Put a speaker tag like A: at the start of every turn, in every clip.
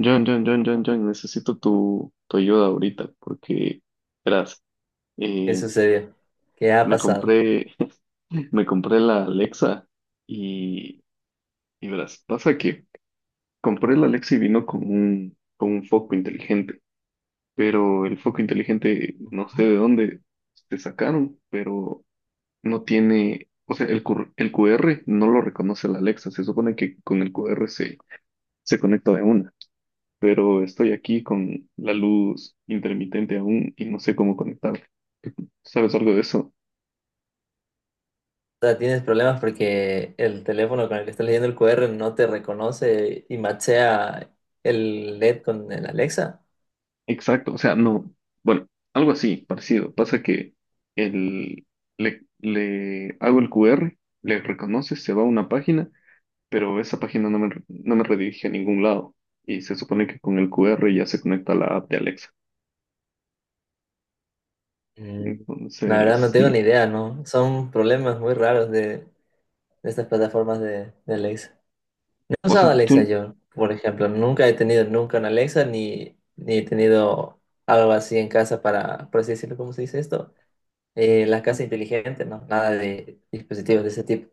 A: John, John, John, John, John, necesito tu ayuda ahorita porque, verás,
B: ¿Qué
A: eh,
B: sucedió? ¿Qué ha
A: me
B: pasado?
A: compré, me compré la Alexa y, y verás, pasa que compré la Alexa y vino con con un foco inteligente, pero el foco inteligente no sé de dónde se sacaron, pero no tiene, o sea, el QR no lo reconoce la Alexa. Se supone que con el QR se conecta de una. Pero estoy aquí con la luz intermitente aún y no sé cómo conectarla. ¿Sabes algo de eso?
B: O sea, tienes problemas porque el teléfono con el que estás leyendo el QR no te reconoce y machea el LED con el Alexa.
A: Exacto, o sea, no, bueno, algo así, parecido. Pasa que el, le hago el QR, le reconoce, se va a una página, pero esa página no no me redirige a ningún lado. Y se supone que con el QR ya se conecta a la app de Alexa.
B: Mm, La verdad no
A: Entonces,
B: tengo ni
A: sí.
B: idea, ¿no? Son problemas muy raros de estas plataformas de Alexa. No he
A: O sea,
B: usado
A: tú,
B: Alexa yo, por ejemplo. Nunca he tenido nunca una Alexa ni, ni he tenido algo así en casa para, por así decirlo, ¿cómo se dice esto? La casa inteligente, ¿no? Nada de dispositivos de ese tipo.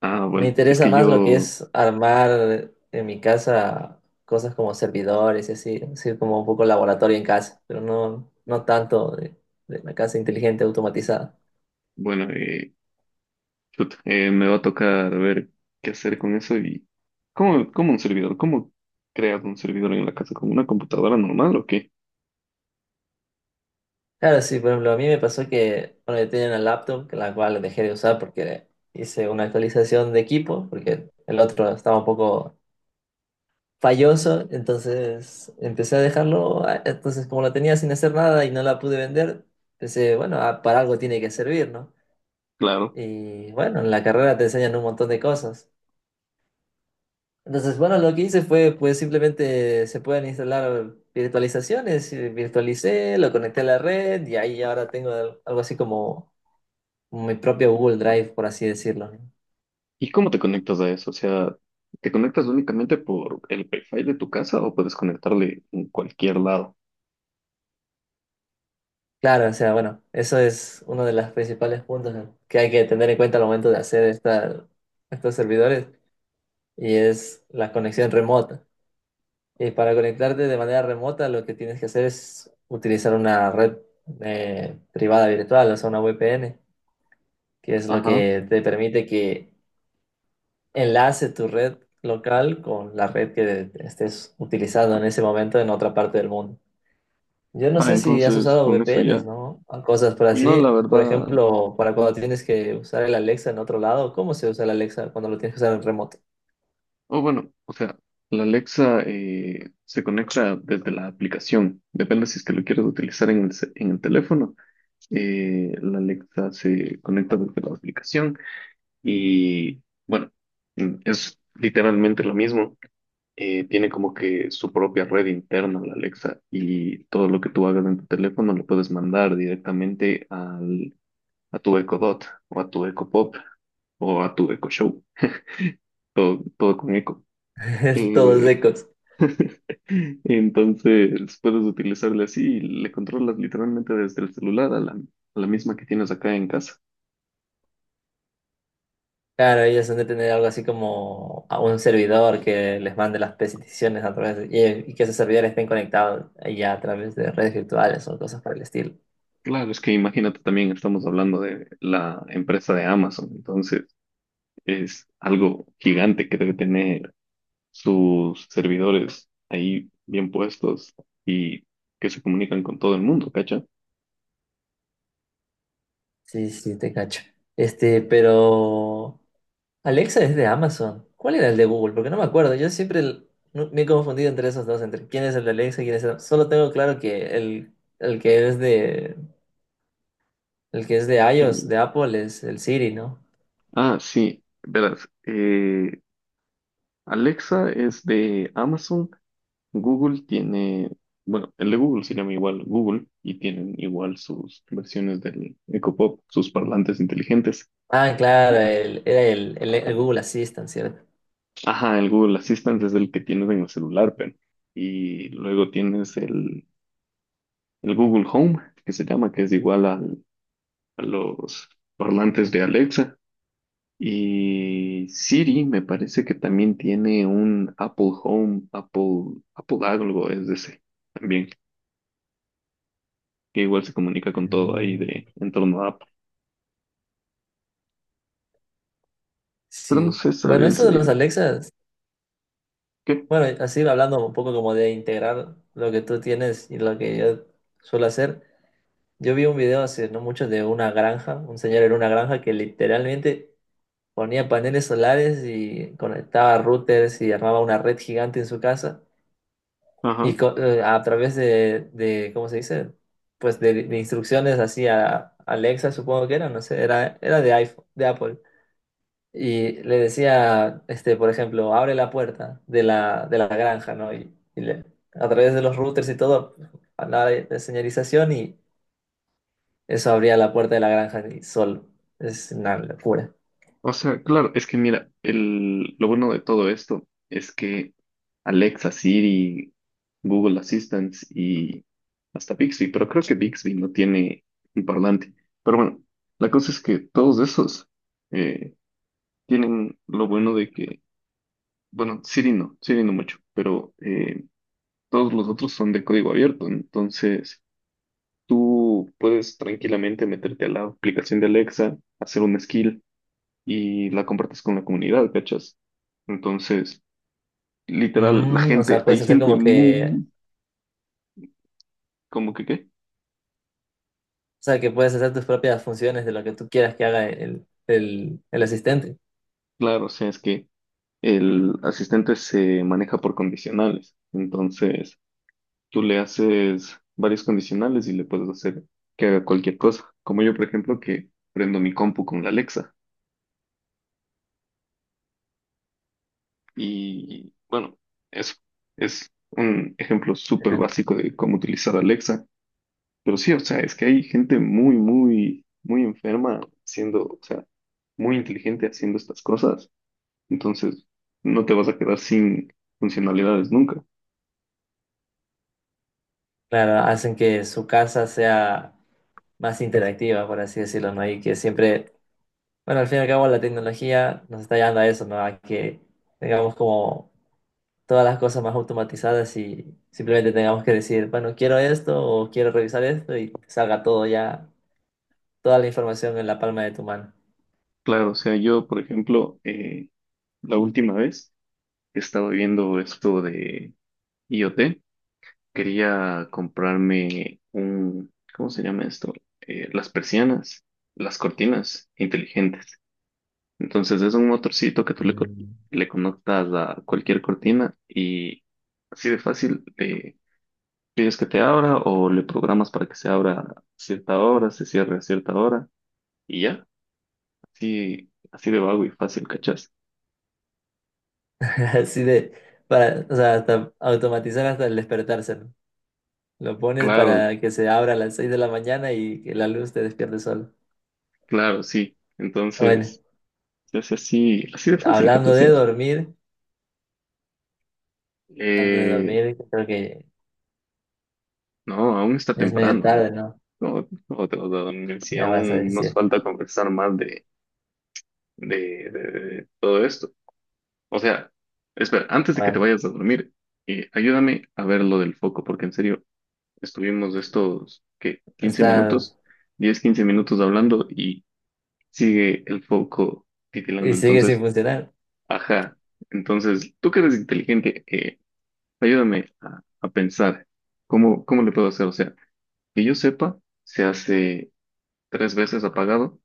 A: ah,
B: Me
A: bueno, es
B: interesa
A: que
B: más lo que
A: yo,
B: es armar en mi casa cosas como servidores y así, así como un poco laboratorio en casa, pero no, no tanto de la casa inteligente automatizada.
A: bueno, chut, me va a tocar ver qué hacer con eso y cómo, cómo un servidor, cómo creas un servidor en la casa con una computadora normal o qué,
B: Claro, sí, por ejemplo, a mí me pasó que, bueno, yo tenía una laptop, que la cual dejé de usar porque hice una actualización de equipo, porque el otro estaba un poco falloso, entonces empecé a dejarlo, ah, entonces como la tenía sin hacer nada y no la pude vender, pensé, bueno, ah, para algo tiene que servir, ¿no?
A: claro.
B: Y bueno, en la carrera te enseñan un montón de cosas. Entonces, bueno, lo que hice fue, pues simplemente se pueden instalar virtualizaciones, y virtualicé, lo conecté a la red y ahí ahora tengo algo así como mi propio Google Drive, por así decirlo, ¿no?
A: ¿Y cómo te conectas a eso? O sea, ¿te conectas únicamente por el Wi-Fi de tu casa o puedes conectarle en cualquier lado?
B: Claro, o sea, bueno, eso es uno de los principales puntos, ¿no?, que hay que tener en cuenta al momento de hacer estos servidores y es la conexión remota. Y para conectarte de manera remota, lo que tienes que hacer es utilizar una red, privada virtual, o sea, una VPN, que es lo
A: Ajá.
B: que te permite que enlace tu red local con la red que estés utilizando en ese momento en otra parte del mundo. Yo no
A: Ah,
B: sé si has
A: entonces
B: usado
A: con eso
B: VPNs,
A: ya.
B: ¿no? O cosas por
A: No, la
B: así. Por
A: verdad.
B: ejemplo, para cuando tienes que usar el Alexa en otro lado, ¿cómo se usa el Alexa cuando lo tienes que usar en remoto?
A: O bueno, o sea, la Alexa se conecta desde la aplicación. Depende si es que lo quieres utilizar en en el teléfono. La Alexa se conecta desde la aplicación y bueno, es literalmente lo mismo. Tiene como que su propia red interna la Alexa, y todo lo que tú hagas en tu teléfono lo puedes mandar directamente a tu Echo Dot o a tu Echo Pop o a tu Echo Show, todo, todo con Echo.
B: Todo es
A: Eh,
B: eco.
A: entonces puedes utilizarle así y le controlas literalmente desde el celular a a la misma que tienes acá en casa.
B: Claro, ellos han de tener algo así como a un servidor que les mande las peticiones a través de, y que esos servidores estén conectados ya a través de redes virtuales o cosas por el estilo.
A: Claro, es que imagínate también, estamos hablando de la empresa de Amazon, entonces es algo gigante que debe tener sus servidores ahí bien puestos y que se comunican con todo el mundo, ¿cacha?
B: Sí, sí, te cacho. Este, pero Alexa es de Amazon. ¿Cuál era el de Google? Porque no me acuerdo. Yo siempre el- no- me he confundido entre esos dos, entre quién es el de Alexa y quién es el... Solo tengo claro que el que es de, el que es de iOS,
A: El-
B: de Apple, es el Siri, ¿no?
A: Ah, sí, verás, Alexa es de Amazon, Google tiene, bueno, el de Google se llama igual Google y tienen igual sus versiones del Echo Pop, sus parlantes inteligentes.
B: Ah, claro, el, era el Google Assistant, ¿cierto?
A: Ajá, el Google Assistant es el que tienes en el celular, pero. Y luego tienes el Google Home, que se llama, que es igual al- a los parlantes de Alexa. Y Siri me parece que también tiene un Apple Home, Apple, Apple algo es de ese también, que igual se comunica con todo ahí
B: Mm,
A: de en torno a Apple. Pero no
B: Sí.
A: sé,
B: Bueno,
A: ¿sabes?
B: esto de los Alexas,
A: ¿Qué?
B: bueno, así hablando un poco como de integrar lo que tú tienes y lo que yo suelo hacer, yo vi un video hace no mucho de una granja, un señor en una granja que literalmente ponía paneles solares y conectaba routers y armaba una red gigante en su casa. Y
A: Ajá.
B: a través ¿cómo se dice? Pues de instrucciones así a Alexa, supongo que era, no sé, era de iPhone, de Apple. Y le decía, este, por ejemplo, abre la puerta de la granja, ¿no? Y le- a través de los routers y todo, hablaba de señalización y eso abría la puerta de la granja y solo. Es una locura.
A: O sea, claro, es que mira, el, lo bueno de todo esto es que Alexa, Siri, Google Assistant y hasta Bixby, pero creo que Bixby no tiene un parlante. Pero bueno, la cosa es que todos esos eh, tienen lo bueno de que, bueno, Siri no mucho, pero todos los otros son de código abierto, ¿no? Entonces tú puedes tranquilamente meterte a la aplicación de Alexa, hacer un skill y la compartes con la comunidad, ¿cachas? Entonces, literal, la
B: Mm, o
A: gente,
B: sea, puedes
A: hay
B: hacer
A: gente
B: como que,
A: muy, como que qué?
B: o sea, que puedes hacer tus propias funciones de lo que tú quieras que haga el asistente.
A: Claro, o sea, es que el asistente se maneja por condicionales. Entonces, tú le haces varios condicionales y le puedes hacer que haga cualquier cosa. Como yo, por ejemplo, que prendo mi compu con la Alexa. Y bueno, eso es un ejemplo súper básico de cómo utilizar Alexa. Pero sí, o sea, es que hay gente muy, muy, muy enferma haciendo, o sea, muy inteligente haciendo estas cosas. Entonces, no te vas a quedar sin funcionalidades nunca.
B: Claro, hacen que su casa sea más interactiva, por así decirlo, ¿no? Y que siempre, bueno, al fin y al cabo la tecnología nos está llevando a eso, ¿no? A que tengamos como todas las cosas más automatizadas y simplemente tengamos que decir, bueno, quiero esto o quiero revisar esto y te salga todo ya, toda la información en la palma de tu mano.
A: Claro, o sea, yo, por ejemplo, la última vez que estaba viendo esto de IoT, quería comprarme un, ¿cómo se llama esto? Las persianas, las cortinas inteligentes. Entonces es un motorcito que tú
B: Mm.
A: le conectas a cualquier cortina y así de fácil le pides que te abra o le programas para que se abra a cierta hora, se cierre a cierta hora y ya, así, así de vago y fácil, ¿cachás?
B: Así de, para, o sea, hasta automatizar hasta el despertarse, ¿no? Lo pones
A: Claro,
B: para que se abra a las 6 de la mañana y que la luz te despierte solo.
A: claro, sí.
B: Bueno.
A: Entonces se hace así, así de fácil,
B: Hablando
A: ¿cachás?
B: de dormir, hablando de
A: Eh,
B: dormir, creo que
A: no, aún está
B: ya es medio
A: temprano, ¿eh?
B: tarde, ¿no?
A: No, no te vas a dormir. Si
B: Ya vas a
A: aún nos
B: decir.
A: falta conversar más de, de de todo esto. O sea, espera, antes de que te
B: Bueno,
A: vayas a dormir, ayúdame a ver lo del foco, porque en serio, estuvimos estos, ¿qué? quince
B: está
A: minutos, 10 15 minutos hablando y sigue el foco titilando.
B: y sigue sin
A: Entonces,
B: funcionar.
A: ajá, entonces, tú que eres inteligente, ayúdame a pensar cómo, cómo le puedo hacer. O sea, que yo sepa, se hace tres veces apagado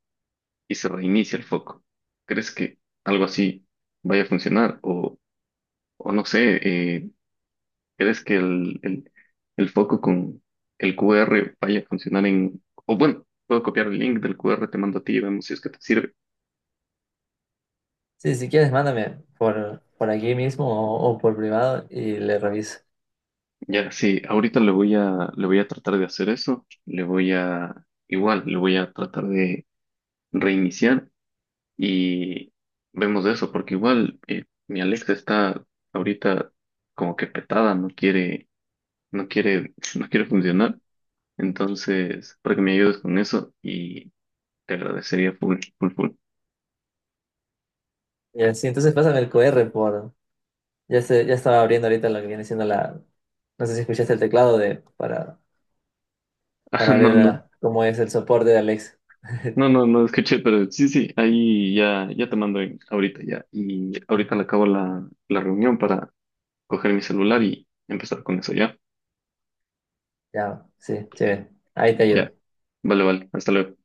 A: y se reinicia el foco. ¿Crees que algo así vaya a funcionar? O no sé, eh, ¿crees que el foco con el QR vaya a funcionar en... O bueno, puedo copiar el link del QR, te mando a ti y vemos si es que te sirve.
B: Sí, si quieres, mándame por aquí mismo o por privado y le reviso.
A: Ya, sí, ahorita le voy a tratar de hacer eso. Le voy a... Igual, le voy a tratar de reiniciar y vemos eso, porque igual mi Alexa está ahorita como que petada, no quiere, no quiere funcionar. Entonces, para que me ayudes con eso y te agradecería full, full, full.
B: Y así, entonces pásame el QR por. Ya, se, ya estaba abriendo ahorita lo que viene siendo la. No sé si escuchaste el teclado de para
A: No,
B: ver
A: no,
B: ah, cómo es el soporte de Alex.
A: no, no escuché, pero sí, sí, ahí ya, ya te mando en- ahorita ya. Y ahorita le acabo la reunión para coger mi celular y empezar con eso ya.
B: Ya, sí, chévere. Ahí te
A: Ya,
B: ayudo.
A: vale, vale, hasta luego.